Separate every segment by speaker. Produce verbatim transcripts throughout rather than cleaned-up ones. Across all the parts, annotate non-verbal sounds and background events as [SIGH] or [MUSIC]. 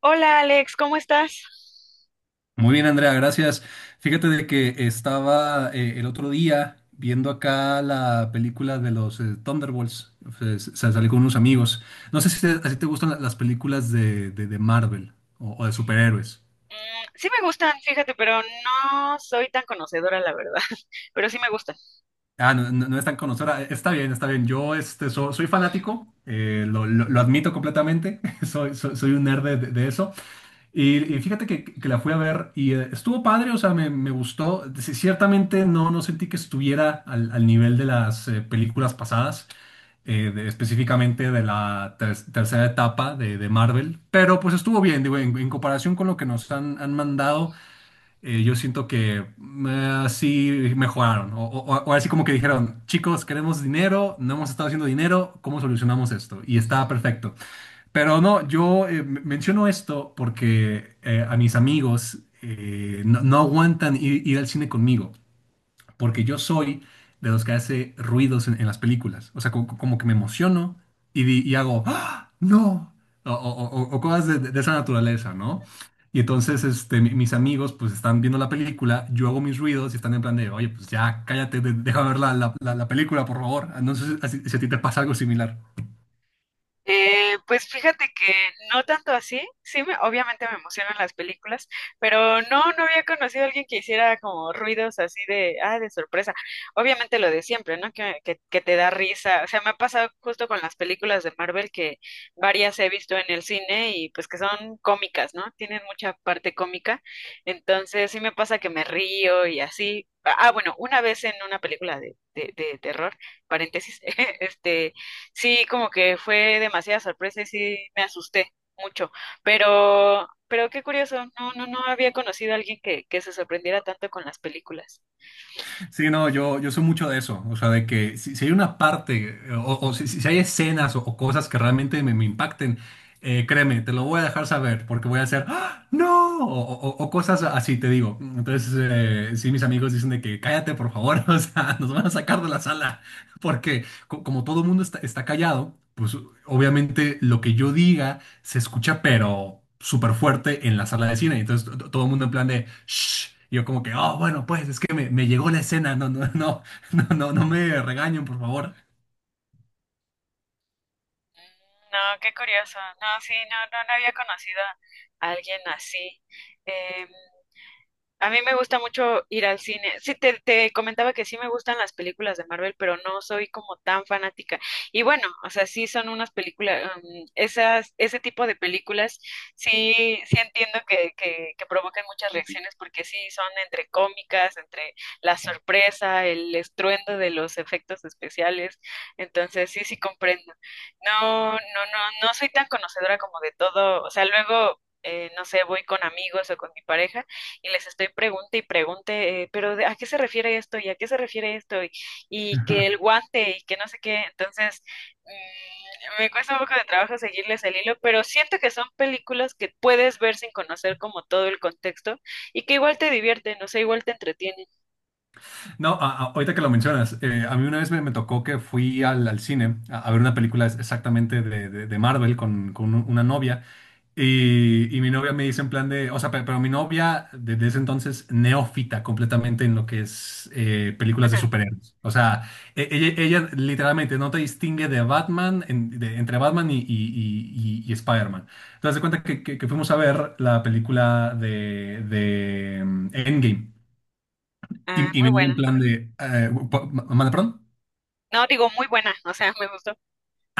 Speaker 1: Hola Alex, ¿cómo estás?
Speaker 2: Muy bien, Andrea, gracias. Fíjate de que estaba eh, el otro día viendo acá la película de los eh, Thunderbolts. Se, se- salí con unos amigos. No sé si te, así te gustan la- las películas de, de- de Marvel o, o de superhéroes.
Speaker 1: Mm, sí me gustan, fíjate, pero no soy tan conocedora, la verdad, [LAUGHS] pero sí me gustan.
Speaker 2: Ah, no, no- no es tan conocedora. Está bien, está bien. Yo este, so- soy fanático, eh, lo, lo- lo admito completamente. [LAUGHS] Soy, soy, soy un nerd de, de eso. Y, y fíjate que, que la fui a ver y eh, estuvo padre, o sea, me, me gustó. Sí, ciertamente no, no sentí que estuviera al, al nivel de las eh, películas pasadas, eh, de- específicamente de la ter- tercera etapa de, de Marvel, pero pues estuvo bien, digo, en, en comparación con lo que nos han, han mandado, eh, yo siento que así mejoraron, o, o, o así como que dijeron, chicos, queremos dinero, no hemos estado haciendo dinero, ¿cómo solucionamos esto? Y está perfecto. Pero no, yo eh, m- menciono esto porque eh, a mis amigos eh, no, no aguantan ir, ir al cine conmigo, porque yo soy de los que hace ruidos en, en las películas. O sea, co- co- como, que me emociono y, di- y hago, ¡ah! ¡No! O, o- o- o cosas de, de esa naturaleza, ¿no? Y entonces este, mi- mis amigos pues están viendo la película, yo hago mis ruidos y están en plan de, oye, pues ya cállate, de- déjame ver la, la- la- la película, por favor. No sé si, si a ti te pasa algo similar.
Speaker 1: Eh, pues fíjate que no tanto así, sí, me- obviamente me emocionan las películas, pero no, no había conocido a alguien que hiciera como ruidos así de, ah, de sorpresa. Obviamente lo de siempre, ¿no? Que, que, que te da risa. O sea, me ha pasado justo con las películas de Marvel que varias he visto en el cine y pues que son cómicas, ¿no? Tienen mucha parte cómica, entonces sí me pasa que me río y así. Ah, bueno, una vez en una película de, de, de terror, paréntesis, [LAUGHS] este sí, como que fue demasiada sorpresa y sí me asusté mucho, pero, pero qué curioso, no, no, no había conocido a alguien que, que se sorprendiera tanto con las películas.
Speaker 2: Sí, no, yo, yo soy mucho de eso, o sea, de que si, si hay una parte eh, o, o si, si hay escenas o, o cosas que realmente me, me impacten, eh, créeme, te lo voy a dejar saber porque voy a hacer, ¡ah! ¡No! O, o- o cosas así, te digo. Entonces, eh, sí, mis amigos dicen de que cállate, por favor, [LAUGHS] o sea, nos van a sacar de la sala porque co- como todo mundo está, está callado, pues obviamente lo que yo diga se escucha, pero súper fuerte en la sala de cine. Entonces to- todo el mundo en plan de shh. Y yo como que, oh, bueno, pues es que me, me llegó la escena, no, no, no, [LAUGHS] no, no, no me regañen, por favor.
Speaker 1: No, qué curioso, no, sí, no, no, no había conocido a alguien así. em, A mí me gusta mucho ir al cine. Sí, te, te comentaba que sí me gustan las películas de Marvel, pero no soy como tan fanática. Y bueno, o sea, sí son unas películas, um, esas, ese tipo de películas, sí, sí entiendo que, que, que provocan muchas reacciones porque sí son entre cómicas, entre la sorpresa, el estruendo de los efectos especiales. Entonces, sí, sí comprendo. No, no, no, no soy tan conocedora como de todo. O sea, luego, eh, no sé, voy con amigos o con mi pareja y les estoy pregunte y pregunte, eh, pero de- ¿a qué se refiere esto? ¿Y a qué se refiere esto? Y, y que el guante y que no sé qué. Entonces, mm, me cuesta un poco de trabajo seguirles el hilo, pero siento que son películas que puedes ver sin conocer como todo el contexto y que igual te divierten, o sea, igual te entretienen.
Speaker 2: No, a- a- ahorita que lo mencionas, eh, a mí una vez me, me tocó que fui al, al cine a, a ver una película es- exactamente de, de- de Marvel con, con un- una novia y, y mi novia me dice en plan de, o sea, pe- pero, mi novia desde ese entonces neófita completamente en lo que es eh, películas de
Speaker 1: Ajá.
Speaker 2: superhéroes. O sea, e- ella, ella literalmente no te distingue de Batman, en- de- entre Batman y, y, y, y- y Spider-Man. Entonces, de cuenta que, que- que fuimos a ver la película de, de mm, Endgame.
Speaker 1: Ah,
Speaker 2: Y, y me
Speaker 1: muy
Speaker 2: dio
Speaker 1: buena.
Speaker 2: en plan de... Eh, pa- ma- ¿manda perdón?
Speaker 1: No, digo muy buena, o sea, me gustó.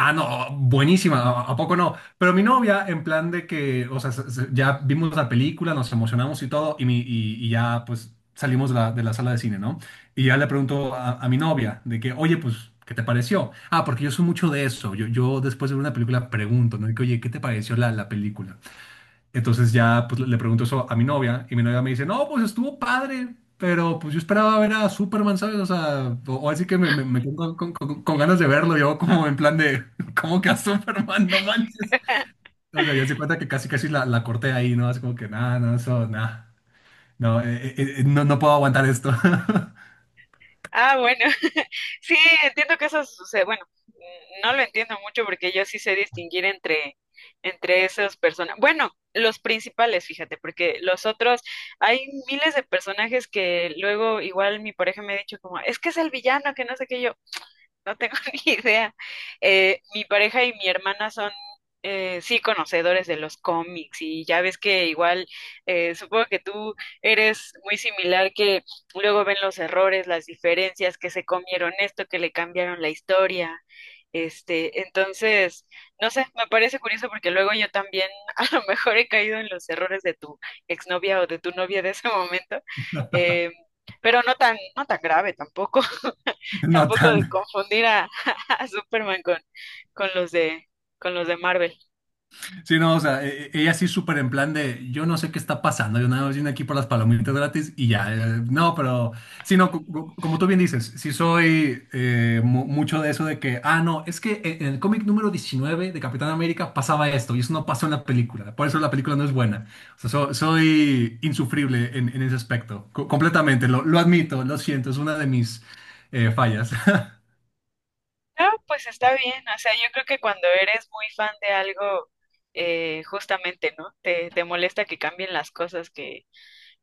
Speaker 2: Ah, no, buenísima, ¿a, a poco no? Pero mi novia, en plan de que, o sea, se- se- ya vimos la película, nos emocionamos y todo, y, mi, y, y ya pues salimos de la, de la sala de cine, ¿no? Y ya le pregunto a, a mi novia de que, oye, pues, ¿qué te pareció? Ah, porque yo soy mucho de eso, yo, yo después de ver una película pregunto, ¿no? De que, oye, ¿qué te pareció la, la película? Entonces ya pues, le pregunto eso a mi novia y mi novia me dice, no, pues estuvo padre, pero pues yo esperaba ver a Superman, ¿sabes? O sea, o, o así que me, me, me quedé con, con- con- con ganas de verlo, yo como en plan de, [LAUGHS] ¿cómo que a Superman? No manches.
Speaker 1: [LAUGHS]
Speaker 2: O sea, ya se cuenta que casi casi la, la corté ahí, ¿no? Así como que, nada, no, eso, nada. No, eh, eh, eh, no, no puedo aguantar esto. [LAUGHS]
Speaker 1: Ah, bueno, [LAUGHS] sí, entiendo que eso sucede. Bueno, mm, no lo entiendo mucho porque yo sí sé distinguir entre, entre esas personas. Bueno, los principales, fíjate, porque los otros, hay miles de personajes que luego igual mi pareja me ha dicho como, es que es el villano, que no sé qué yo. No tengo [LAUGHS] ni idea. Eh, mi pareja y mi hermana son, eh, sí, conocedores de los cómics y ya ves que igual, eh, supongo que tú eres muy similar, que luego ven los errores, las diferencias, que se comieron esto, que le cambiaron la historia. Este, entonces, no sé, me parece curioso porque luego yo también [LAUGHS] a lo mejor he caído en los errores de tu exnovia o de tu novia de ese momento, eh, pero no tan, no tan grave tampoco
Speaker 2: No
Speaker 1: tampoco de
Speaker 2: tan.
Speaker 1: confundir a, [LAUGHS] a Superman con, con los de, con los de Marvel.
Speaker 2: Sí, no, o sea, e- e, ella sí súper en plan de, yo no sé qué está pasando, yo nada más vine aquí por las palomitas gratis y ya, eh, no, pero, sí, no, co- co- como tú bien dices, sí soy eh, mu- mucho de eso de que, ah, no, es que en en el cómic número diecinueve de Capitán América pasaba esto y eso no pasó en la película, por eso la película no es buena, o sea, so- soy insufrible en, en ese aspecto, co- completamente, lo, lo admito, lo siento, es una de mis eh, fallas. [LAUGHS]
Speaker 1: No, pues está bien, o sea, yo creo que cuando eres muy fan de algo, eh, justamente, ¿no? Te, te molesta que cambien las cosas, que,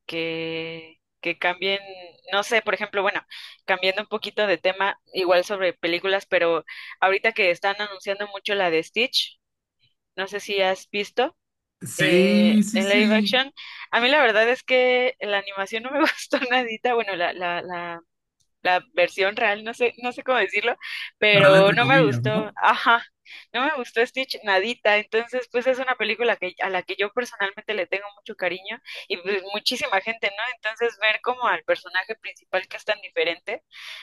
Speaker 1: que, que cambien, no sé, por ejemplo, bueno, cambiando un poquito de tema, igual sobre películas, pero ahorita que están anunciando mucho la de Stitch, no sé si has visto. Eh,
Speaker 2: Sí, sí,
Speaker 1: en live
Speaker 2: sí,
Speaker 1: action. A mí la verdad es que la animación no me [LAUGHS] gustó nadita, bueno, la, la, la la versión real, no sé, no sé cómo decirlo,
Speaker 2: real
Speaker 1: pero
Speaker 2: entre
Speaker 1: no me
Speaker 2: comillas,
Speaker 1: gustó,
Speaker 2: ¿no?
Speaker 1: ajá, no me gustó Stitch nadita, entonces pues es una película que, a la que yo personalmente le tengo mucho cariño y pues muchísima gente, ¿no? Entonces ver como al personaje principal que es tan diferente,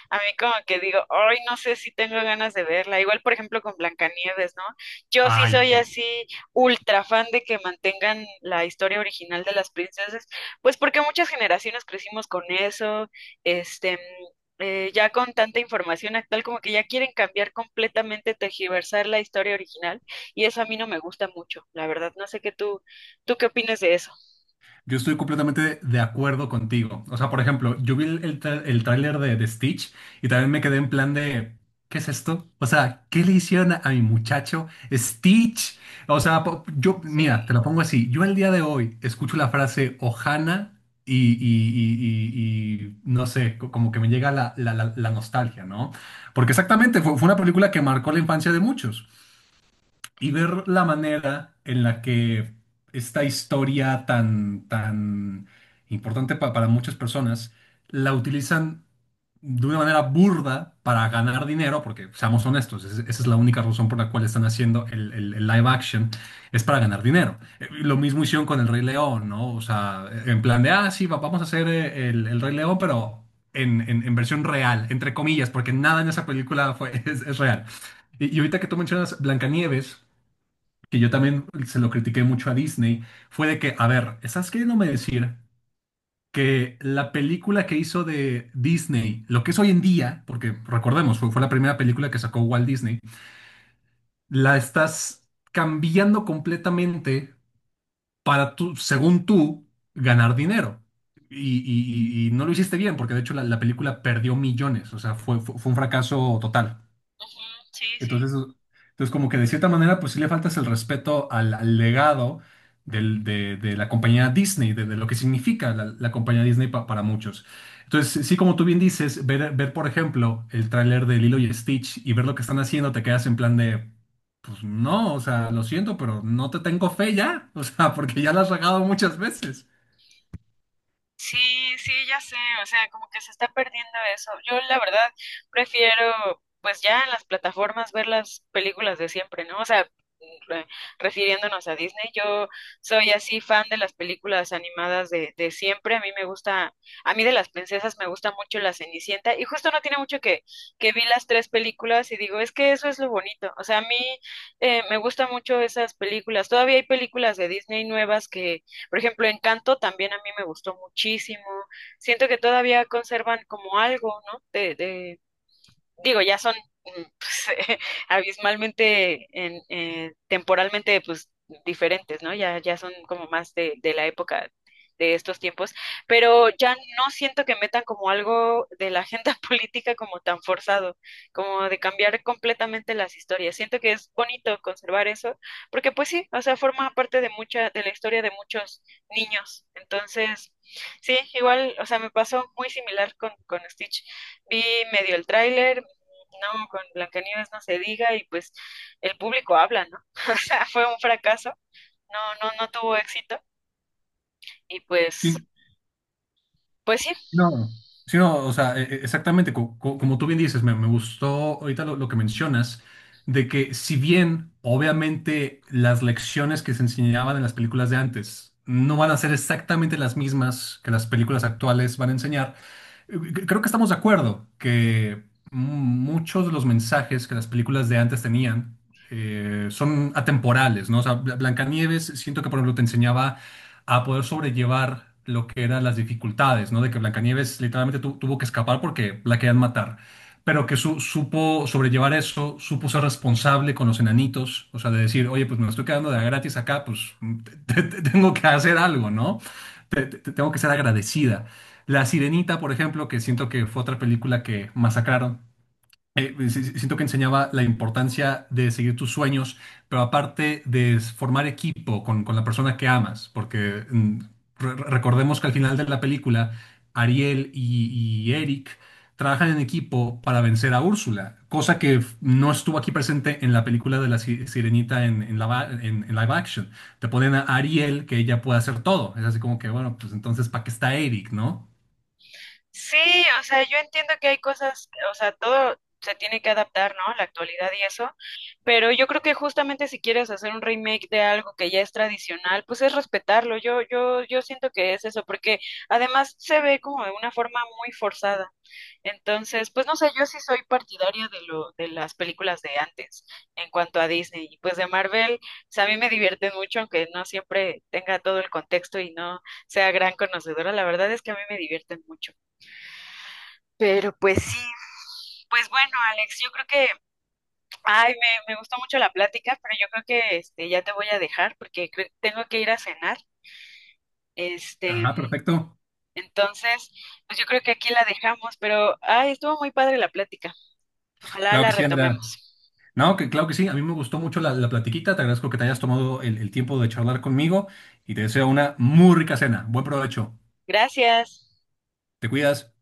Speaker 1: a mí como que digo, ay, no sé si tengo ganas de verla, igual por ejemplo con Blancanieves, ¿no? Yo sí
Speaker 2: Ay.
Speaker 1: soy así ultra fan de que mantengan la historia original de las princesas, pues porque muchas generaciones crecimos con eso, este, eh, ya con tanta información actual, como que ya quieren cambiar completamente, tergiversar la historia original, y eso a mí no me gusta mucho, la verdad. No sé qué tú, ¿tú qué opinas de eso?
Speaker 2: Yo estoy completamente de acuerdo contigo. O sea, por ejemplo, yo vi el, el, tra- el tráiler de, de Stitch y también me quedé en plan de, ¿qué es esto? O sea, ¿qué le hicieron a, a mi muchacho Stitch? O sea, po- yo,
Speaker 1: Sí.
Speaker 2: mira, te lo pongo así. Yo el día de hoy escucho la frase Ohana y, y, y, y- y no sé, co- como que me llega la, la, la, la nostalgia, ¿no? Porque exactamente fue, fue una película que marcó la infancia de muchos y ver la manera en la que esta historia tan, tan importante pa- para muchas personas la utilizan de una manera burda para ganar dinero, porque seamos honestos, es- esa es la única razón por la cual están haciendo el, el- el live action, es para ganar dinero. Eh, Lo mismo hicieron con El Rey León, ¿no? O sea, en plan de, ah, sí, va- vamos a hacer eh, el, el Rey León, pero en, en- en versión real, entre comillas, porque nada en esa película fue, [LAUGHS] es es real. Y, y ahorita que tú mencionas Blancanieves, que yo también se lo critiqué mucho a Disney, fue de que, a ver, ¿estás queriéndome decir que la película que hizo de Disney, lo que es hoy en día, porque recordemos, fue, fue la primera película que sacó Walt Disney, la estás cambiando completamente para tú, según tú, ganar dinero? Y, y- y- y no lo hiciste bien, porque de hecho la, la película perdió millones, o sea, fue, fue fue un fracaso total.
Speaker 1: Ujú, sí, sí.
Speaker 2: Entonces, entonces como que de cierta manera, pues sí le faltas el respeto al, al legado del- de, de la compañía Disney, de, de lo que significa la, la compañía Disney pa- para muchos. Entonces, sí, como tú bien dices, ver, ver por ejemplo, el tráiler de Lilo y Stitch y ver lo que están haciendo, te quedas en plan de, pues no, o sea, lo siento, pero no te tengo fe ya, [LAUGHS] o sea, porque ya la has regado muchas veces.
Speaker 1: Sí, sí, ya sé, o sea, como que se está perdiendo eso. Yo la verdad prefiero, pues ya en las plataformas ver las películas de siempre, ¿no? O sea, re- refiriéndonos a Disney, yo soy así fan de las películas animadas de, de siempre. A mí me gusta, a mí de las princesas me gusta mucho La Cenicienta y justo no tiene mucho que, que vi las tres películas y digo, es que eso es lo bonito. O sea, a mí eh, me gustan mucho esas películas. Todavía hay películas de Disney nuevas que por ejemplo, Encanto también a mí me gustó muchísimo. Siento que todavía conservan como algo, ¿no? De, de, digo, ya son mm, [LAUGHS] pues, eh, abismalmente, en, eh, temporalmente, pues diferentes, ¿no? Ya, ya son como más de, de la época de estos tiempos, pero ya no siento que metan como algo de la agenda [LAUGHS] política como tan forzado, como de cambiar completamente las historias. Siento que es bonito conservar eso, porque pues sí, o sea, forma parte de mucha, de la historia de muchos niños. Entonces, sí, igual, o sea, me pasó muy similar con, con Stitch. Vi medio el tráiler, no, con Blancanieves no se diga y pues el público habla, ¿no? [LAUGHS] O sea, fue un fracaso, no, no, no tuvo éxito y pues, pues sí,
Speaker 2: Sí, no, sí, no, o sea, e- e- exactamente, co- co- como tú bien dices, me, me gustó ahorita lo, lo que mencionas, de que si bien obviamente las lecciones que se enseñaban en las películas de antes no van a ser exactamente las mismas que las películas actuales van a enseñar, creo que estamos de acuerdo que muchos de los mensajes que las películas de antes tenían eh, son atemporales, ¿no? O sea, Bla- Blancanieves, siento que por ejemplo te enseñaba a poder sobrellevar lo que eran las dificultades, ¿no? De que Blancanieves literalmente tu- tuvo que escapar porque la querían matar, pero que su- supo sobrellevar eso, supo ser responsable con los enanitos, o sea, de decir, oye, pues me estoy quedando de a gratis acá, pues [LAUGHS] te- te- te- tengo que hacer algo, ¿no? Te- te- te- tengo que ser agradecida. La Sirenita, por ejemplo, que siento que fue otra película que masacraron. Eh, si- si- siento que enseñaba la importancia de seguir tus sueños, pero aparte de s- formar equipo con, con la persona que amas, porque mm, re- recordemos que al final de la película, Ariel y, y Eric trabajan en equipo para vencer a Úrsula, cosa que f- no estuvo aquí presente en la película de la Si- Sirenita en, en la va- en- en live action. Te ponen a Ariel que ella puede hacer todo. Es así como que, bueno, pues entonces, ¿para qué está Eric, no?
Speaker 1: sí, o sea, yo entiendo que hay cosas, o sea, todo se tiene que adaptar, ¿no? La actualidad y eso, pero yo creo que justamente si quieres hacer un remake de algo que ya es tradicional, pues es respetarlo, yo, yo, yo siento que es eso, porque además se ve como de una forma muy forzada. Entonces, pues no sé, yo sí soy partidaria de lo, de las películas de antes en cuanto a Disney. Y pues de Marvel, o sea, a mí me divierten mucho, aunque no siempre tenga todo el contexto y no sea gran conocedora. La verdad es que a mí me divierten mucho. Pero pues sí, pues bueno, Alex, yo creo que, ay, me, me gustó mucho la plática, pero yo creo que este, ya te voy a dejar porque creo- tengo que ir a cenar. Este,
Speaker 2: Ajá, perfecto.
Speaker 1: entonces, pues yo creo que aquí la dejamos, pero, ay, estuvo muy padre la plática. Ojalá
Speaker 2: Claro
Speaker 1: la
Speaker 2: que sí, Andrea.
Speaker 1: retomemos.
Speaker 2: No, que claro que sí. A mí me gustó mucho la, la platiquita. Te agradezco que te hayas tomado el el tiempo de charlar conmigo y te deseo una muy rica cena. Buen provecho.
Speaker 1: Gracias.
Speaker 2: Te cuidas.